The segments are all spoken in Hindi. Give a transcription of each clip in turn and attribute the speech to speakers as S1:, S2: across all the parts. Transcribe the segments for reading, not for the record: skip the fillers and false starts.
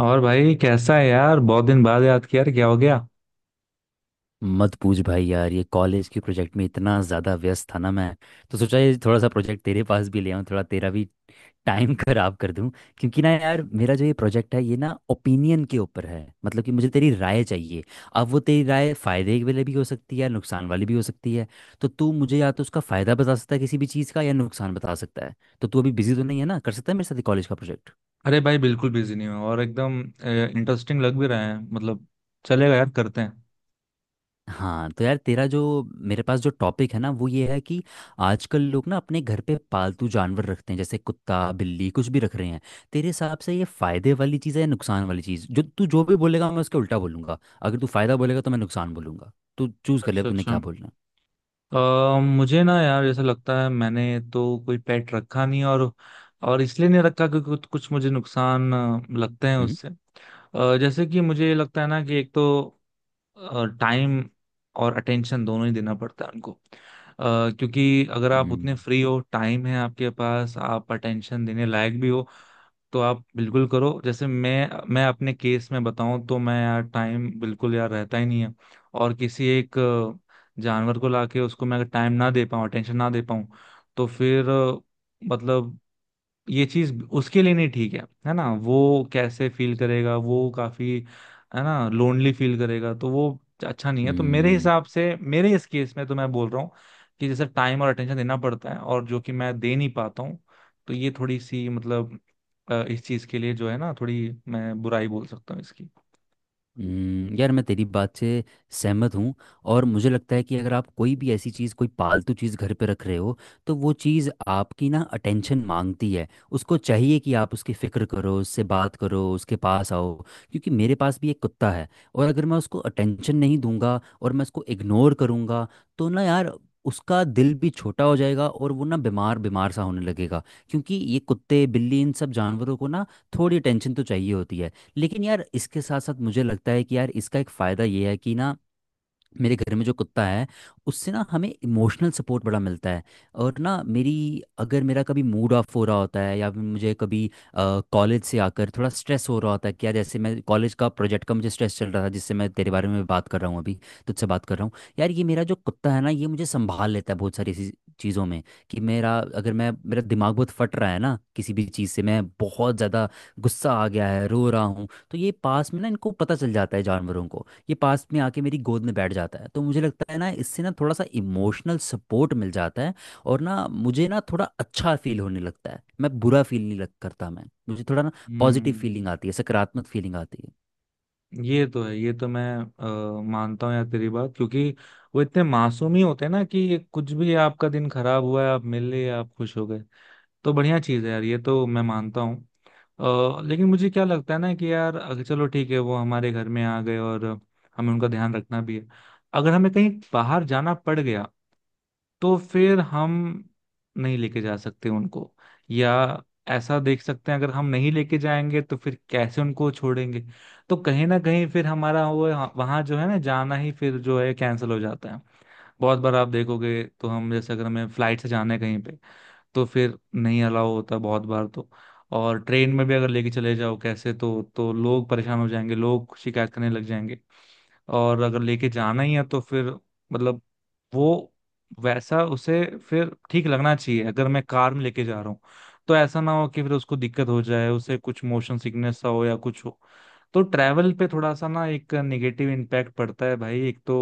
S1: और भाई कैसा है यार? बहुत दिन बाद याद किया यार, क्या हो गया?
S2: मत पूछ भाई यार, ये कॉलेज के प्रोजेक्ट में इतना ज़्यादा व्यस्त था ना मैं। तो सोचा ये थोड़ा सा प्रोजेक्ट तेरे पास भी ले आऊँ, थोड़ा तेरा भी टाइम खराब कर दूं। क्योंकि ना यार मेरा जो ये प्रोजेक्ट है ये ना ओपिनियन के ऊपर है, मतलब कि मुझे तेरी राय चाहिए। अब वो तेरी राय फ़ायदे वाली भी हो सकती है, नुकसान वाली भी हो सकती है। तो तू मुझे या तो उसका फ़ायदा बता सकता है किसी भी चीज़ का, या नुकसान बता सकता है। तो तू अभी बिजी तो नहीं है ना? कर सकता है मेरे साथ कॉलेज का प्रोजेक्ट?
S1: अरे भाई बिल्कुल बिजी नहीं हूँ, और एकदम इंटरेस्टिंग लग भी रहा है। मतलब चलेगा यार, करते हैं।
S2: हाँ, तो यार तेरा जो, मेरे पास जो टॉपिक है ना वो ये है कि आजकल लोग ना अपने घर पे पालतू जानवर रखते हैं, जैसे कुत्ता बिल्ली कुछ भी रख रहे हैं। तेरे हिसाब से ये फायदे वाली चीज़ है या नुकसान वाली चीज़? जो तू जो भी बोलेगा मैं उसके उल्टा बोलूंगा, अगर तू फायदा बोलेगा तो मैं नुकसान बोलूंगा। तू चूज कर ले अब
S1: अच्छा
S2: तूने
S1: अच्छा।
S2: क्या बोलना है।
S1: मुझे ना यार ऐसा लगता है, मैंने तो कोई पेट रखा नहीं। और और इसलिए नहीं रखा क्योंकि कुछ कुछ मुझे नुकसान लगते हैं
S2: हम्म।
S1: उससे। जैसे कि मुझे ये लगता है ना कि एक तो टाइम और अटेंशन दोनों ही देना पड़ता है उनको। क्योंकि अगर आप उतने फ्री हो, टाइम है आपके पास, आप अटेंशन देने लायक भी हो, तो आप बिल्कुल करो। जैसे मैं अपने केस में बताऊं तो मैं यार टाइम बिल्कुल यार रहता ही नहीं है। और किसी एक जानवर को लाके उसको मैं अगर टाइम ना दे पाऊँ, अटेंशन ना दे पाऊँ, तो फिर मतलब ये चीज उसके लिए नहीं ठीक है। है ना? वो कैसे फील करेगा? वो काफी, है ना, लोनली फील करेगा। तो वो अच्छा नहीं है। तो मेरे
S2: हम्म।
S1: हिसाब से, मेरे इस केस में तो मैं बोल रहा हूँ कि जैसे टाइम और अटेंशन देना पड़ता है, और जो कि मैं दे नहीं पाता हूँ, तो ये थोड़ी सी मतलब इस चीज के लिए जो है ना, थोड़ी मैं बुराई बोल सकता हूँ इसकी।
S2: यार मैं तेरी बात से सहमत हूँ। और मुझे लगता है कि अगर आप कोई भी ऐसी चीज़ कोई पालतू चीज़ घर पे रख रहे हो, तो वो चीज़ आपकी ना अटेंशन मांगती है। उसको चाहिए कि आप उसकी फ़िक्र करो, उससे बात करो, उसके पास आओ। क्योंकि मेरे पास भी एक कुत्ता है, और अगर मैं उसको अटेंशन नहीं दूंगा और मैं उसको इग्नोर करूंगा तो ना यार उसका दिल भी छोटा हो जाएगा और वो ना बीमार बीमार सा होने लगेगा। क्योंकि ये कुत्ते बिल्ली इन सब जानवरों को ना थोड़ी अटेंशन तो चाहिए होती है। लेकिन यार इसके साथ साथ मुझे लगता है कि यार इसका एक फ़ायदा ये है कि ना मेरे घर में जो कुत्ता है उससे ना हमें इमोशनल सपोर्ट बड़ा मिलता है। और ना मेरी, अगर मेरा कभी मूड ऑफ हो रहा होता है या फिर मुझे कभी कॉलेज से आकर थोड़ा स्ट्रेस हो रहा होता है, क्या जैसे मैं कॉलेज का प्रोजेक्ट का मुझे स्ट्रेस चल रहा था जिससे मैं तेरे बारे में बात कर रहा हूँ अभी, तुझसे बात कर रहा हूँ। यार ये मेरा जो कुत्ता है ना ये मुझे संभाल लेता है बहुत सारी ऐसी चीज़ों में। कि मेरा, अगर मैं मेरा दिमाग बहुत फट रहा है ना किसी भी चीज़ से, मैं बहुत ज़्यादा गुस्सा आ गया है रो रहा हूँ, तो ये पास में ना इनको पता चल जाता है जानवरों को। ये पास में आके मेरी गोद में बैठ जाता है, तो मुझे लगता है ना इससे ना थोड़ा सा इमोशनल सपोर्ट मिल जाता है। और ना मुझे ना थोड़ा अच्छा फील होने लगता है, मैं बुरा फील नहीं लग करता, मैं, मुझे थोड़ा ना पॉजिटिव फीलिंग
S1: हम्म।
S2: आती है, सकारात्मक फीलिंग आती है।
S1: ये तो है, ये तो मैं मानता हूँ यार तेरी बात, क्योंकि वो इतने मासूम ही होते हैं ना कि कुछ भी, आपका दिन खराब हुआ है, आप मिले, आप खुश हो गए। तो बढ़िया चीज़ है यार, ये तो मैं मानता हूँ। लेकिन मुझे क्या लगता है ना कि यार, अगर चलो ठीक है, वो हमारे घर में आ गए और हमें उनका ध्यान रखना भी है, अगर हमें कहीं बाहर जाना पड़ गया, तो फिर हम नहीं लेके जा सकते उनको। या ऐसा देख सकते हैं, अगर हम नहीं लेके जाएंगे तो फिर कैसे उनको छोड़ेंगे? तो कहीं ना कहीं फिर हमारा वो, वहां जो है ना जाना ही, फिर जो है कैंसिल हो जाता है। बहुत बार आप देखोगे तो, हम जैसे अगर हमें फ्लाइट से जाना है कहीं पे, तो फिर नहीं अलाउ होता बहुत बार तो। और ट्रेन में भी अगर लेके चले जाओ कैसे, तो लोग परेशान हो जाएंगे, लोग शिकायत करने लग जाएंगे। और अगर लेके जाना ही है तो फिर, मतलब, वो वैसा उसे फिर ठीक लगना चाहिए। अगर मैं कार में लेके जा रहा हूँ तो ऐसा ना हो कि फिर उसको दिक्कत हो जाए, उसे कुछ मोशन सिकनेस सा हो या कुछ हो। तो ट्रैवल पे थोड़ा सा ना एक नेगेटिव इम्पैक्ट पड़ता है भाई एक तो।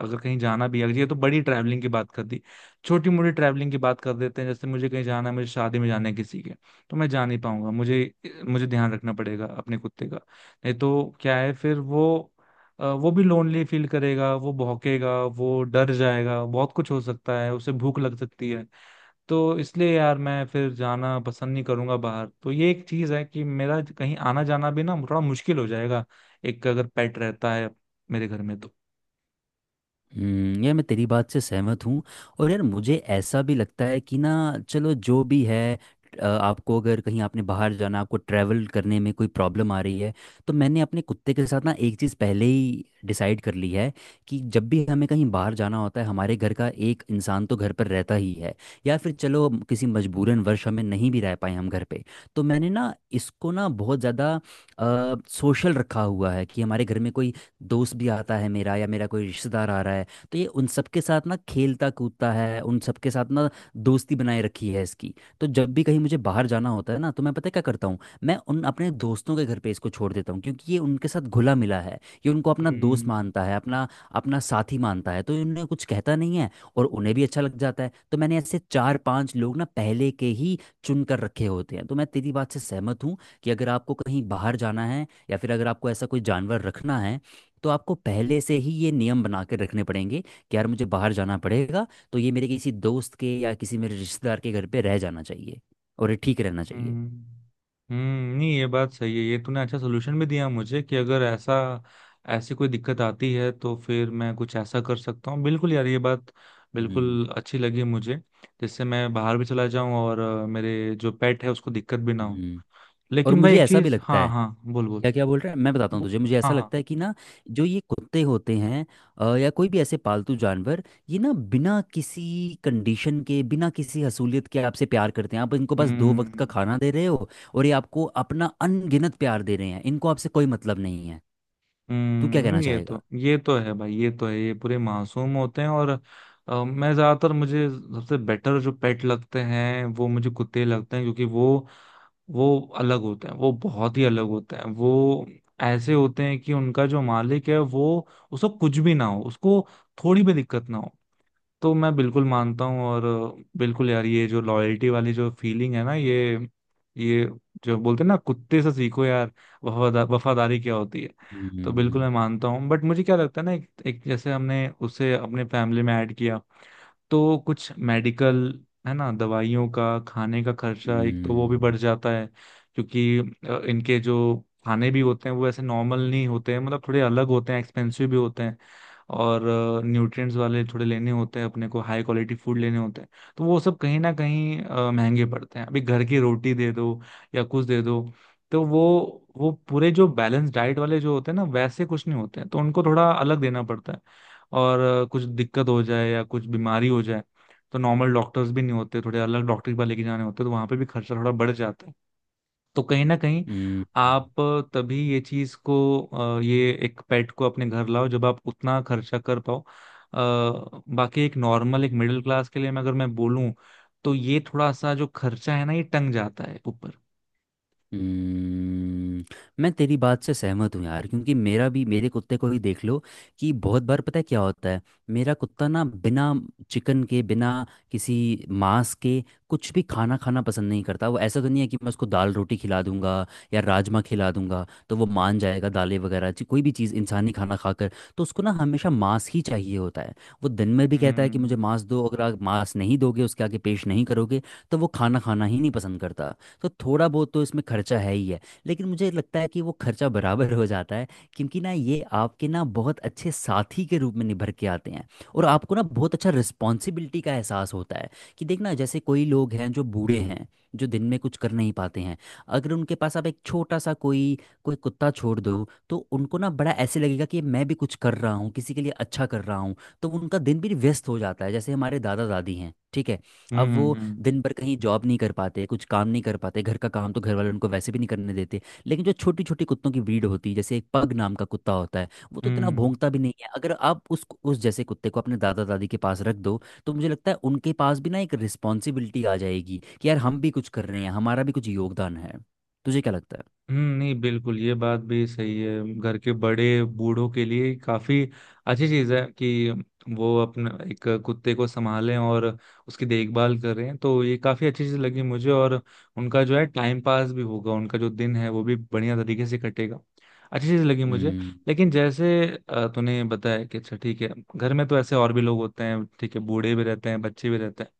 S1: अगर कहीं जाना भी है, ये तो बड़ी ट्रैवलिंग की बात कर दी, छोटी मोटी ट्रैवलिंग की बात कर देते हैं। जैसे मुझे कहीं जाना है, मुझे शादी में जाना है किसी के, तो मैं जा नहीं पाऊंगा। मुझे, मुझे ध्यान रखना पड़ेगा अपने कुत्ते का। नहीं तो क्या है, फिर वो वो भी लोनली फील करेगा, वो भौंकेगा, वो डर जाएगा, बहुत कुछ हो सकता है, उसे भूख लग सकती है। तो इसलिए यार मैं फिर जाना पसंद नहीं करूंगा बाहर। तो ये एक चीज है कि मेरा कहीं आना जाना भी ना थोड़ा मुश्किल हो जाएगा, एक अगर पेट रहता है मेरे घर में तो।
S2: हम्म, यार मैं तेरी बात से सहमत हूँ। और यार मुझे ऐसा भी लगता है कि ना चलो जो भी है, आपको अगर कहीं आपने बाहर जाना, आपको ट्रैवल करने में कोई प्रॉब्लम आ रही है, तो मैंने अपने कुत्ते के साथ ना एक चीज़ पहले ही डिसाइड कर ली है। कि जब भी हमें कहीं बाहर जाना होता है हमारे घर का एक इंसान तो घर पर रहता ही है। या फिर चलो किसी मजबूरन वर्ष हमें नहीं भी रह पाए हम घर पे, तो मैंने ना इसको ना बहुत ज़्यादा सोशल रखा हुआ है, कि हमारे घर में कोई दोस्त भी आता है मेरा या मेरा कोई रिश्तेदार आ रहा है तो ये उन सब के साथ ना खेलता कूदता है, उन सब के साथ ना दोस्ती बनाए रखी है इसकी। तो जब भी कहीं मुझे बाहर जाना होता है ना तो मैं, पता है क्या करता हूँ? मैं उन अपने दोस्तों के घर पे इसको छोड़ देता हूँ, क्योंकि ये उनके साथ घुला मिला है। ये उनको अपना दोस्त
S1: हम्म
S2: मानता है, अपना अपना साथी मानता है, तो इन्हें कुछ कहता नहीं है, और उन्हें भी अच्छा लग जाता है। तो मैंने ऐसे चार पांच लोग ना पहले के ही चुन कर रखे होते हैं। तो मैं तेरी बात से सहमत हूँ कि अगर आपको कहीं बाहर जाना है या फिर अगर आपको ऐसा कोई जानवर रखना है तो आपको पहले से ही ये नियम बना के रखने पड़ेंगे, कि यार मुझे बाहर जाना पड़ेगा तो ये मेरे किसी दोस्त के या किसी मेरे रिश्तेदार के घर पे रह जाना चाहिए, और ये ठीक रहना चाहिए।
S1: हम्म। हम्म, नहीं ये बात सही है। ये तूने अच्छा सोल्यूशन भी दिया मुझे, कि अगर ऐसा, ऐसी कोई दिक्कत आती है तो फिर मैं कुछ ऐसा कर सकता हूँ। बिल्कुल यार, ये बात
S2: हम्म।
S1: बिल्कुल अच्छी लगी मुझे, जिससे मैं बाहर भी चला जाऊं और मेरे जो पेट है उसको दिक्कत भी ना हो।
S2: हम्म। और
S1: लेकिन भाई
S2: मुझे
S1: एक
S2: ऐसा भी
S1: चीज,
S2: लगता
S1: हाँ
S2: है,
S1: हाँ, बोल बोल।
S2: क्या क्या बोल रहा है मैं बताता हूँ
S1: बो-
S2: तुझे, मुझे
S1: हाँ
S2: ऐसा लगता
S1: हाँ।
S2: है कि ना जो ये कुत्ते होते हैं, या कोई भी ऐसे पालतू जानवर, ये ना बिना किसी कंडीशन के, बिना किसी हसूलियत के आपसे प्यार करते हैं। आप इनको बस दो वक्त का
S1: हम्म
S2: खाना दे रहे हो, और ये आपको अपना अनगिनत प्यार दे रहे हैं। इनको आपसे कोई मतलब नहीं है। तू क्या
S1: हम्म।
S2: कहना
S1: ये
S2: चाहेगा?
S1: तो, ये तो है भाई, ये तो है। ये पूरे मासूम होते हैं और मैं ज्यादातर, मुझे सबसे बेटर जो पेट लगते हैं वो मुझे कुत्ते लगते हैं, क्योंकि वो अलग होते हैं, वो बहुत ही अलग होते हैं। वो ऐसे होते हैं कि उनका जो मालिक है, वो, उसको कुछ भी ना हो, उसको थोड़ी भी दिक्कत ना हो। तो मैं बिल्कुल मानता हूँ। और बिल्कुल यार ये जो लॉयल्टी वाली जो फीलिंग है ना, ये जो बोलते हैं ना, कुत्ते से सीखो यार वफादा, वफादारी क्या होती है। तो बिल्कुल मैं
S2: हम्म।
S1: मानता हूँ। बट मुझे क्या लगता है ना, एक जैसे हमने उसे अपने फैमिली में ऐड किया, तो कुछ मेडिकल, है ना, दवाइयों का, खाने का खर्चा एक तो वो भी
S2: हम्म।
S1: बढ़ जाता है। क्योंकि इनके जो खाने भी होते हैं, वो ऐसे नॉर्मल नहीं होते हैं, मतलब थोड़े अलग होते हैं, एक्सपेंसिव भी होते हैं। और न्यूट्रिएंट्स वाले थोड़े लेने होते हैं, अपने को हाई क्वालिटी फूड लेने होते हैं। तो वो सब कहीं ना कहीं महंगे पड़ते हैं। अभी घर की रोटी दे दो या कुछ दे दो, तो वो पूरे जो बैलेंस डाइट वाले जो होते हैं ना वैसे कुछ नहीं होते हैं, तो उनको थोड़ा अलग देना पड़ता है। और कुछ दिक्कत हो जाए या कुछ बीमारी हो जाए, तो नॉर्मल डॉक्टर्स भी नहीं होते, थोड़े अलग डॉक्टर के पास लेके जाने होते हैं, तो वहां पे भी खर्चा थोड़ा बढ़ जाता है। तो कहीं ना कहीं
S2: हम्म, हम्म,
S1: आप, तभी ये चीज को ये एक पेट को अपने घर लाओ जब आप उतना खर्चा कर पाओ। बाकी एक नॉर्मल, एक मिडिल क्लास के लिए मैं अगर मैं बोलूं, तो ये थोड़ा सा जो खर्चा है ना, ये टंग जाता है ऊपर।
S2: हम्म, मैं तेरी बात से सहमत हूँ यार, क्योंकि मेरा भी, मेरे कुत्ते को ही देख लो कि बहुत बार पता है क्या होता है। मेरा कुत्ता ना बिना चिकन के, बिना किसी मांस के कुछ भी खाना खाना पसंद नहीं करता। वो ऐसा तो नहीं है कि मैं उसको दाल रोटी खिला दूंगा या राजमा खिला दूंगा तो वो मान जाएगा, दालें वगैरह कोई भी चीज़ इंसानी खाना खाकर। तो उसको ना हमेशा मांस ही चाहिए होता है। वो दिन में भी कहता है कि मुझे
S1: हम्म
S2: मांस दो, अगर आप मांस नहीं दोगे उसके आगे पेश नहीं करोगे तो वो खाना खाना ही नहीं पसंद करता। तो थोड़ा बहुत तो इसमें खर्चा है ही है। लेकिन मुझे लगता है कि वो खर्चा बराबर हो जाता है, क्योंकि ना ये आपके ना बहुत अच्छे साथी के रूप में निभर के आते हैं, और आपको ना बहुत अच्छा रिस्पॉन्सिबिलिटी का एहसास होता है। कि देखना, जैसे कोई लोग हैं जो बूढ़े हैं, जो दिन में कुछ कर नहीं पाते हैं, अगर उनके पास आप एक छोटा सा कोई कोई कुत्ता छोड़ दो तो उनको ना बड़ा ऐसे लगेगा कि मैं भी कुछ कर रहा हूँ, किसी के लिए अच्छा कर रहा हूँ। तो उनका दिन भी व्यस्त हो जाता है। जैसे हमारे दादा दादी हैं, ठीक है, अब
S1: हम्म
S2: वो
S1: हम्म
S2: दिन भर कहीं जॉब नहीं कर पाते, कुछ काम नहीं कर पाते, घर का काम तो घर वाले उनको वैसे भी नहीं करने देते। लेकिन जो छोटी छोटी कुत्तों की ब्रीड होती है, जैसे एक पग नाम का कुत्ता होता है, वो तो इतना
S1: हम्म।
S2: भौंकता भी नहीं है। अगर आप उस जैसे कुत्ते को अपने दादा दादी के पास रख दो तो मुझे लगता है उनके पास भी ना एक रिस्पॉन्सिबिलिटी आ जाएगी, कि यार हम भी कुछ कर रहे हैं, हमारा भी कुछ योगदान है। तुझे क्या लगता है?
S1: नहीं बिल्कुल ये बात भी सही है। घर के बड़े बूढ़ों के लिए काफी अच्छी चीज है कि वो अपने एक कुत्ते को संभालें और उसकी देखभाल करें। तो ये काफी अच्छी चीज लगी मुझे। और उनका जो है टाइम पास भी होगा, उनका जो दिन है वो भी बढ़िया तरीके से कटेगा। अच्छी चीज लगी मुझे।
S2: हम्म।
S1: लेकिन जैसे तूने बताया कि अच्छा ठीक है, घर में तो ऐसे और भी लोग होते हैं, ठीक है, बूढ़े भी रहते हैं, बच्चे भी रहते हैं,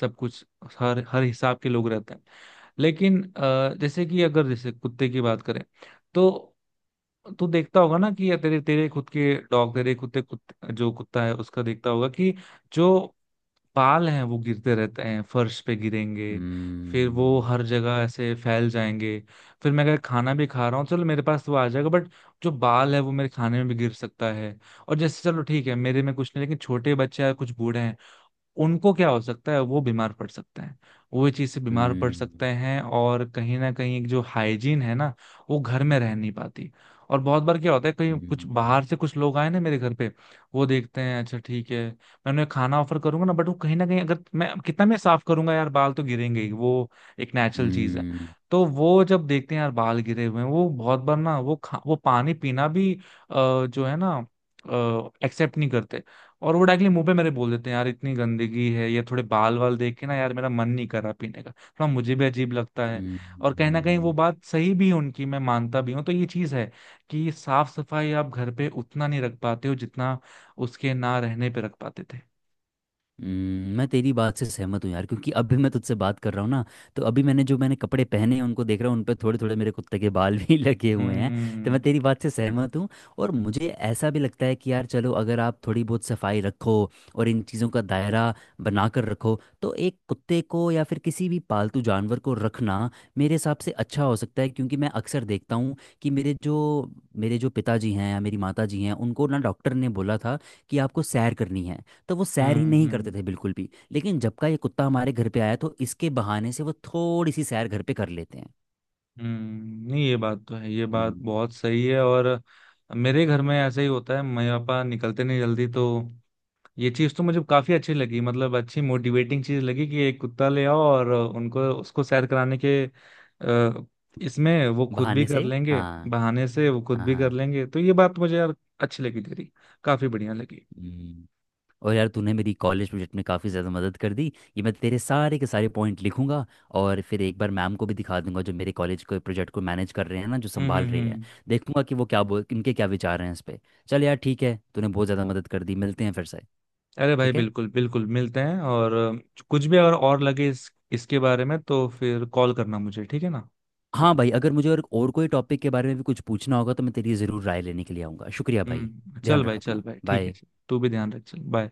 S1: सब कुछ, हर हर हिसाब के लोग रहते हैं। लेकिन जैसे कि अगर जैसे कुत्ते की बात करें, तो तू देखता होगा ना कि, या तेरे तेरे खुद के डॉग, तेरे कुत्ते, जो कुत्ता है उसका देखता होगा कि, जो बाल हैं वो गिरते रहते हैं, फर्श पे गिरेंगे, फिर वो
S2: हम्म।
S1: हर जगह ऐसे फैल जाएंगे। फिर मैं अगर खाना भी खा रहा हूँ, चलो मेरे पास तो वो आ जाएगा, बट जो बाल है वो मेरे खाने में भी गिर सकता है। और जैसे चलो ठीक है, मेरे में कुछ नहीं, लेकिन छोटे बच्चे या कुछ बूढ़े हैं, उनको क्या हो सकता है, वो बीमार पड़ सकते हैं, वो ये चीज से बीमार पड़ सकते
S2: हम्म।
S1: हैं। और कहीं ना कहीं एक जो हाइजीन है ना, वो घर में रह नहीं पाती। और बहुत बार क्या होता है, कहीं कुछ
S2: हम्म।
S1: बाहर से कुछ लोग आए ना मेरे घर पे, वो देखते हैं, अच्छा ठीक है मैं उन्हें खाना ऑफर करूंगा ना, बट वो कहीं ना कहीं, अगर मैं कितना मैं साफ करूंगा यार, बाल तो गिरेंगे ही वो, एक नेचुरल चीज है।
S2: हम्म।
S1: तो वो जब देखते हैं यार बाल गिरे हुए हैं, वो बहुत बार ना वो खा, वो पानी पीना भी जो है ना एक्सेप्ट नहीं करते। और वो डायरेक्टली मुंह पे मेरे बोल देते हैं यार, इतनी गंदगी है ये, थोड़े बाल वाल देख के ना यार मेरा मन नहीं कर रहा पीने का, थोड़ा मुझे भी अजीब लगता है।
S2: हम्म,
S1: और कहीं ना कहीं वो
S2: हम्म,
S1: बात सही भी है उनकी, मैं मानता भी हूँ। तो ये चीज है कि साफ सफाई आप घर पे उतना नहीं रख पाते हो जितना उसके ना रहने पे रख पाते थे।
S2: मैं तेरी बात से सहमत हूँ यार, क्योंकि अभी मैं तुझसे बात कर रहा हूँ ना, तो अभी मैंने जो मैंने कपड़े पहने हैं उनको देख रहा हूँ, उन पर थोड़े थोड़े मेरे कुत्ते के बाल भी लगे हुए हैं। तो
S1: हम्म
S2: मैं तेरी बात से सहमत हूँ। और मुझे ऐसा भी लगता है कि यार चलो अगर आप थोड़ी बहुत सफाई रखो और इन चीज़ों का दायरा बना कर रखो, तो एक कुत्ते को या फिर किसी भी पालतू जानवर को रखना मेरे हिसाब से अच्छा हो सकता है। क्योंकि मैं अक्सर देखता हूँ कि मेरे जो, मेरे जो पिताजी हैं या मेरी माता जी हैं, उनको ना डॉक्टर ने बोला था कि आपको सैर करनी है, तो वो सैर ही नहीं करते
S1: हम्म।
S2: थे बिल्कुल भी। लेकिन जब का ये कुत्ता हमारे घर पे आया तो इसके बहाने से वो थोड़ी सी सैर घर पे कर लेते हैं।
S1: नहीं ये बात तो है, ये बात
S2: हम्म,
S1: बहुत सही है। और मेरे घर में ऐसा ही होता है, मेरे पापा निकलते नहीं जल्दी तो। ये चीज तो मुझे काफी अच्छी लगी, मतलब अच्छी मोटिवेटिंग चीज लगी, कि एक कुत्ता ले आओ और उनको, उसको सैर कराने के इसमें वो खुद भी
S2: बहाने से।
S1: कर लेंगे।
S2: हाँ,
S1: बहाने से वो खुद
S2: हाँ।
S1: भी कर
S2: हाँ।
S1: लेंगे। तो ये बात मुझे यार अच्छी लगी तेरी, काफी बढ़िया लगी।
S2: हम्म। और यार तूने मेरी कॉलेज प्रोजेक्ट में काफ़ी ज़्यादा मदद कर दी, ये मैं तेरे सारे के सारे पॉइंट लिखूंगा और फिर एक बार मैम को भी दिखा दूंगा, जो मेरे कॉलेज के प्रोजेक्ट को मैनेज कर रहे हैं ना, जो
S1: हम्म
S2: संभाल
S1: हम्म
S2: रहे हैं।
S1: हम्म।
S2: देखूंगा कि वो क्या बोल, इनके क्या विचार हैं इस पे। चल यार ठीक है, तूने बहुत ज़्यादा मदद कर दी, मिलते हैं फिर से।
S1: अरे भाई
S2: ठीक है।
S1: बिल्कुल बिल्कुल, मिलते हैं। और कुछ भी अगर और लगे इस, इसके बारे में, तो फिर कॉल करना मुझे, ठीक है ना?
S2: हाँ भाई, अगर मुझे और कोई टॉपिक के बारे में भी कुछ पूछना होगा तो मैं तेरी ज़रूर राय लेने के लिए आऊँगा। शुक्रिया भाई।
S1: हम्म, चल
S2: ध्यान रख
S1: भाई, चल
S2: अपना,
S1: भाई, ठीक है।
S2: बाय।
S1: चल तू भी ध्यान रख, चल बाय।